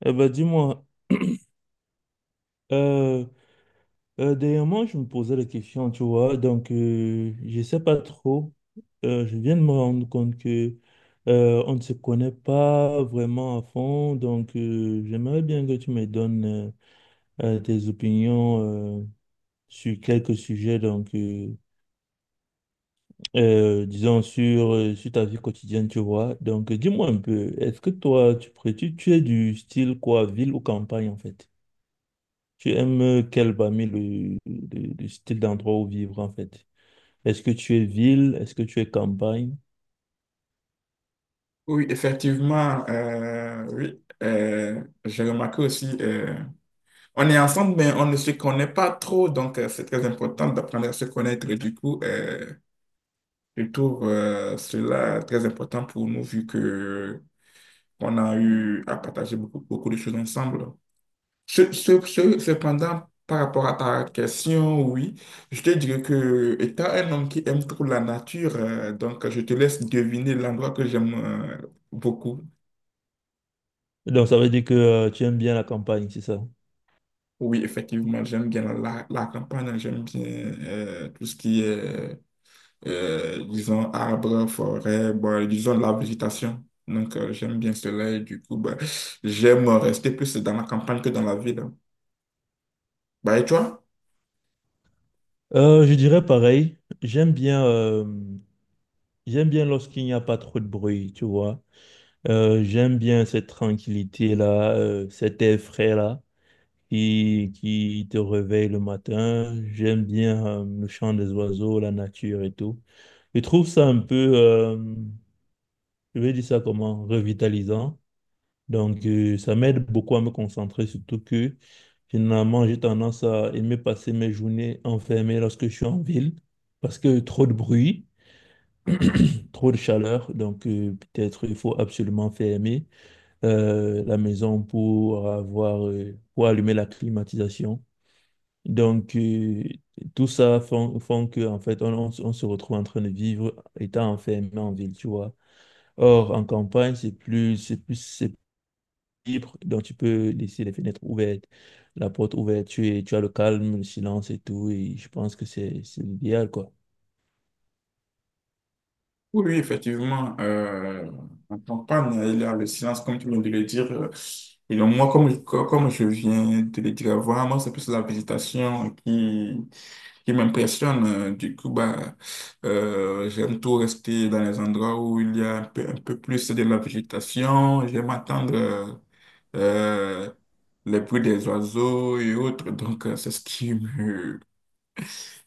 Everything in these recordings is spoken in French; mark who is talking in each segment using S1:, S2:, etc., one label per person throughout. S1: Eh ben, dis-moi, euh, dernièrement, je me posais la question, tu vois, je sais pas trop. Je viens de me rendre compte que on ne se connaît pas vraiment à fond, j'aimerais bien que tu me donnes tes opinions euh, sur quelques sujets, disons sur, sur ta vie quotidienne, tu vois. Dis-moi un peu, est-ce que toi, tu, pré- tu es du style quoi, ville ou campagne en fait? Tu aimes quel parmi le style d'endroit où vivre en fait? Est-ce que tu es ville? Est-ce que tu es campagne?
S2: Oui, effectivement, oui, j'ai remarqué aussi, on est ensemble, mais on ne se connaît pas trop, donc c'est très important d'apprendre à se connaître. Et du coup, je trouve cela très important pour nous, vu que on a eu à partager beaucoup, beaucoup de choses ensemble. Cependant, par rapport à ta question, oui, je te dirais que étant un homme qui aime trop la nature, donc je te laisse deviner l'endroit que j'aime beaucoup.
S1: Donc ça veut dire que tu aimes bien la campagne, c'est ça?
S2: Oui, effectivement, j'aime bien la campagne, j'aime bien tout ce qui est, disons, arbres, forêts, bon, disons, la végétation. Donc, j'aime bien cela et du coup, bah, j'aime rester plus dans la campagne que dans la ville. Bah, et toi?
S1: Je dirais pareil. J'aime bien lorsqu'il n'y a pas trop de bruit, tu vois. J'aime bien cette tranquillité-là, cet air frais-là qui te réveille le matin. J'aime bien le chant des oiseaux, la nature et tout. Je trouve ça un peu, je vais dire ça comment, revitalisant. Donc, ça m'aide beaucoup à me concentrer, surtout que finalement, j'ai tendance à aimer passer mes journées enfermées lorsque je suis en ville, parce que trop de bruit, trop de chaleur. Donc, peut-être il faut absolument fermer la maison pour avoir, pour allumer la climatisation. Donc, tout ça font que, en fait, on se retrouve en train de vivre étant enfermé en ville, tu vois. Or, en campagne, c'est libre, donc tu peux laisser les fenêtres ouvertes, la porte ouverte, tu as le calme, le silence et tout, et je pense que c'est l'idéal, quoi.
S2: Oui, oui, effectivement. En campagne, il y a le silence, comme tu viens de le dire. Et donc, moi, comme je viens de le dire avant, moi, c'est plus la végétation qui m'impressionne. Du coup, bah, j'aime tout rester dans les endroits où il y a un peu plus de la végétation. J'aime attendre euh, les bruits des oiseaux et autres. Donc, c'est ce qui me,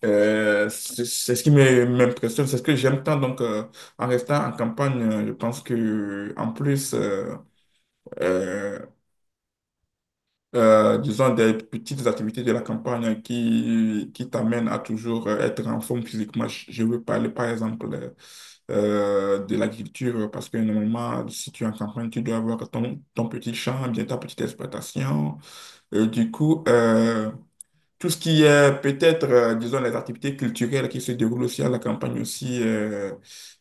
S2: c'est ce qui m'impressionne, c'est ce que j'aime tant. Donc, en restant en campagne, je pense que en plus, euh, disons, des petites activités de la campagne qui t'amènent à toujours être en forme physiquement. Je veux parler, par exemple, de l'agriculture, parce que normalement, si tu es en campagne, tu dois avoir ton, ton petit champ, bien ta petite exploitation. Et du coup, tout ce qui est peut-être, disons, les activités culturelles qui se déroulent aussi à la campagne aussi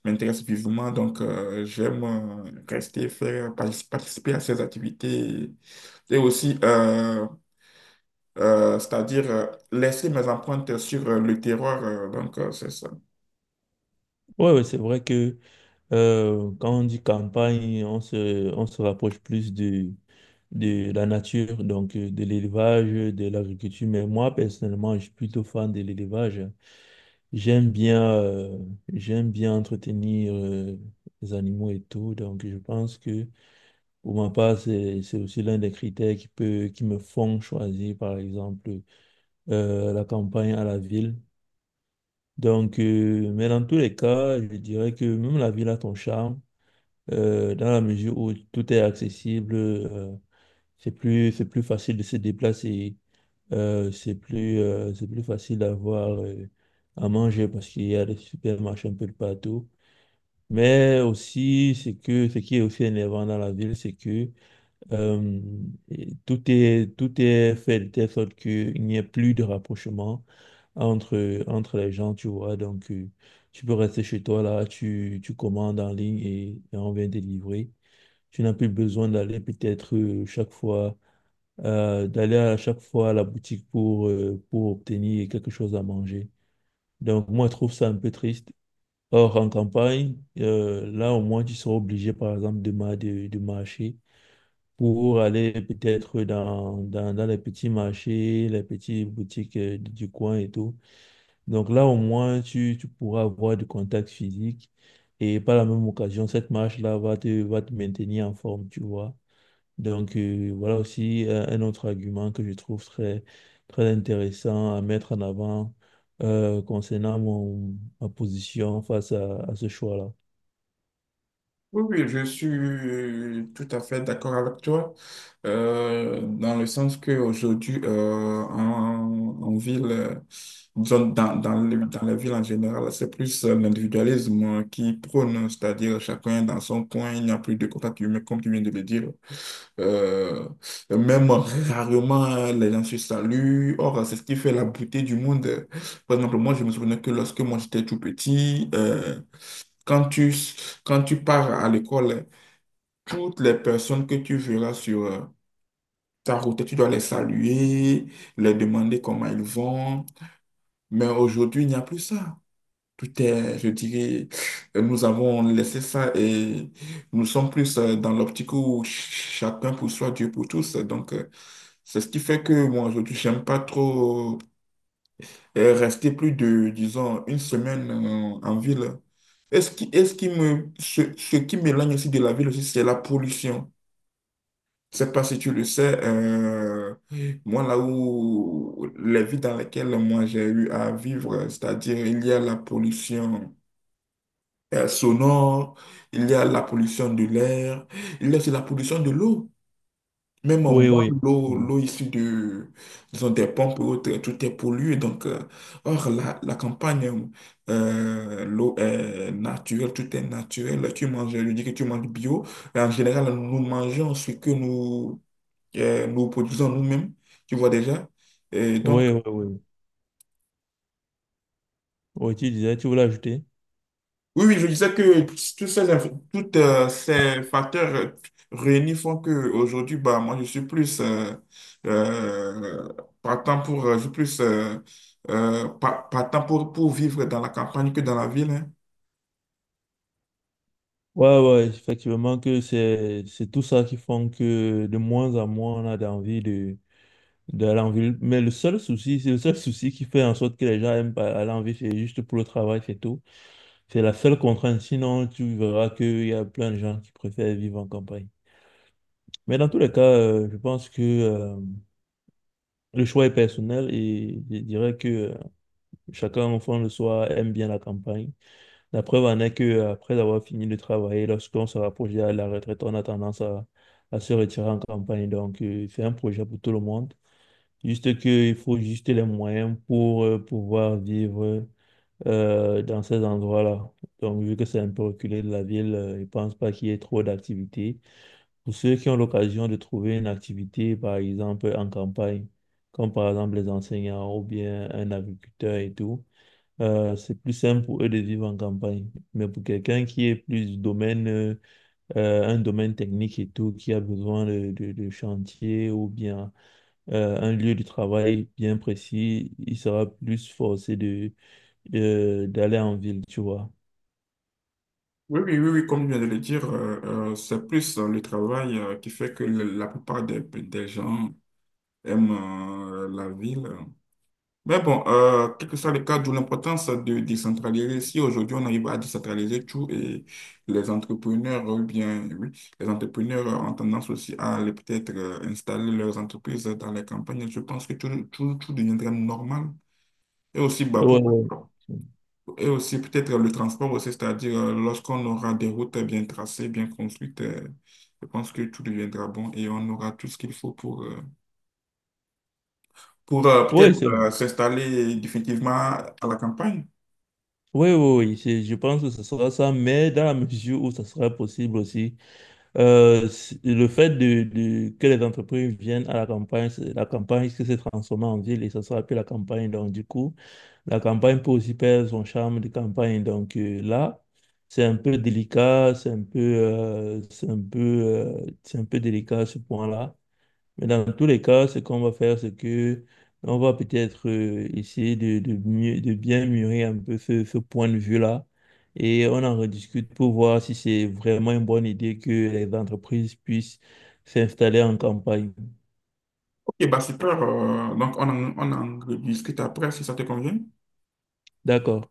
S2: m'intéresse vivement. Donc, j'aime rester, faire, participer à ces activités et aussi, c'est-à-dire, laisser mes empreintes sur le terroir. Donc, c'est ça.
S1: Ouais, ouais, c'est vrai que quand on dit campagne, on se rapproche plus de la nature, de l'élevage, de l'agriculture, mais moi, personnellement, je suis plutôt fan de l'élevage. J'aime bien, euh, j'aime bien entretenir les animaux et tout, donc je pense que pour ma part, c'est aussi l'un des critères qui me font choisir, par exemple, la campagne à la ville. Donc, mais dans tous les cas, je dirais que même la ville a son charme, dans la mesure où tout est accessible, c'est plus facile de se déplacer, c'est plus facile d'avoir à manger parce qu'il y a des supermarchés un peu de partout. Mais aussi, c'est que ce qui est aussi énervant dans la ville, c'est que euh, et tout tout est fait de telle sorte qu'il n'y ait plus de rapprochement entre les gens, tu vois. Donc, tu peux rester chez toi là, tu commandes en ligne et on vient te livrer. Tu n'as plus besoin d'aller peut-être d'aller à chaque fois à la boutique pour obtenir quelque chose à manger. Donc, moi, je trouve ça un peu triste. Or, en campagne, là, au moins, tu seras obligé, par exemple, de marcher pour aller peut-être dans les petits marchés, les petites boutiques du coin et tout. Donc là, au moins, tu pourras avoir du contact physique. Et par la même occasion, cette marche-là va te maintenir en forme, tu vois. Donc, voilà aussi un autre argument que je trouve très, très intéressant à mettre en avant concernant ma position face à ce choix-là.
S2: Oui, oui, je suis tout à fait d'accord avec toi, dans le sens qu'aujourd'hui, en ville, disons, dans les villes en général, c'est plus l'individualisme qui prône, c'est-à-dire chacun dans son coin, il n'y a plus de contact humain, comme tu viens de le dire. Euh, Même rarement, les gens se saluent. Or, c'est ce qui fait la beauté du monde. Par exemple, moi, je me souviens que lorsque moi, j'étais tout petit, quand tu, quand tu pars à l'école, toutes les personnes que tu verras sur ta route, tu dois les saluer, les demander comment ils vont. Mais aujourd'hui, il n'y a plus ça. Tout est, je dirais, nous avons laissé ça et nous sommes plus dans l'optique où chacun pour soi, Dieu pour tous. Donc, c'est ce qui fait que moi, aujourd'hui, j'aime pas trop rester plus de, disons, une semaine en ville. Et ce qui me, ce qui m'éloigne aussi de la ville aussi, c'est la pollution. Je sais pas si tu le sais, moi, là où les villes dans lesquelles moi j'ai eu à vivre, c'est-à-dire il y a la pollution. Sonore, il y a la pollution de l'air, il y a aussi la pollution de l'eau. Même on
S1: Oui,
S2: boit
S1: oui.
S2: l'eau,
S1: Mm.
S2: l'eau issue de, disons, des pompes et autres, tout est pollué. Donc, or, la campagne, l'eau est naturelle, tout est naturel. Tu manges, je dis que tu manges bio. Mais en général, nous mangeons ce que nous, nous produisons nous-mêmes, tu vois déjà. Et donc,
S1: Oui, oui, oui. Oui, tu disais, tu voulais ajouter?
S2: oui, oui, je disais que toutes ces facteurs réunis font que aujourd'hui bah, moi, je suis plus euh, partant pour, je suis plus, pa- partant pour vivre dans la campagne que dans la ville. Hein.
S1: Ouais, ouais, effectivement que c'est tout ça qui font que de moins en moins on a envie de d'aller en ville. Mais le seul souci, c'est le seul souci qui fait en sorte que les gens aiment pas aller en ville, c'est juste pour le travail, c'est tout. C'est la seule contrainte. Sinon, tu verras qu'il y a plein de gens qui préfèrent vivre en campagne. Mais dans tous les cas, je pense que le choix est personnel et je dirais que chacun, au fond de soi, aime bien la campagne. La preuve en est que après avoir fini de travailler, lorsqu'on se rapproche de la retraite, on a à se retirer en campagne. Donc, c'est un projet pour tout le monde. Juste qu'il faut juste les moyens pour pouvoir vivre dans ces endroits-là. Donc, vu que c'est un peu reculé de la ville, je ne pense pas qu'il y ait trop d'activités. Pour ceux qui ont l'occasion de trouver une activité, par exemple, en campagne, comme par exemple les enseignants ou bien un agriculteur et tout, c'est plus simple pour eux de vivre en campagne. Mais pour quelqu'un qui est plus du domaine, un domaine technique et tout, qui a besoin de chantier ou bien un lieu de travail bien précis, il sera plus forcé d'aller en ville, tu vois.
S2: Oui, oui, oui, oui, comme je viens de le dire, c'est plus le travail qui fait que la plupart des gens aiment la ville. Mais bon, quel que soit le cadre ou l'importance de décentraliser, si aujourd'hui on arrive à décentraliser tout et les entrepreneurs, ou bien, oui, les entrepreneurs ont tendance aussi à aller peut-être installer leurs entreprises dans les campagnes, je pense que tout, tout, tout deviendrait normal. Et aussi, bah,
S1: Ouais,
S2: pourquoi
S1: ouais.
S2: pas et aussi peut-être le transport aussi, c'est-à-dire lorsqu'on aura des routes bien tracées, bien construites, je pense que tout deviendra bon et on aura tout ce qu'il faut pour peut-être
S1: Oui, c'est...
S2: s'installer définitivement à la campagne.
S1: oui, oui, oui, c'est- je pense que ce sera ça, mais dans la mesure où ça sera possible aussi. Le fait de- que les entreprises viennent à la campagne, c'est- la campagne qui s'est transformée en ville et ça sera plus la campagne. Donc, du coup, la campagne peut aussi perdre son charme de campagne. Donc, là, c'est un peu délicat, c'est un peu délicat ce point-là. Mais dans tous les cas, ce qu'on va faire, c'est que on va peut-être essayer de bien mûrir un peu ce point de vue-là. Et on en rediscute pour voir si c'est vraiment une bonne idée que les entreprises puissent s'installer en campagne.
S2: Ok, bah super. Donc, on en rediscute après si ça te convient.
S1: D'accord.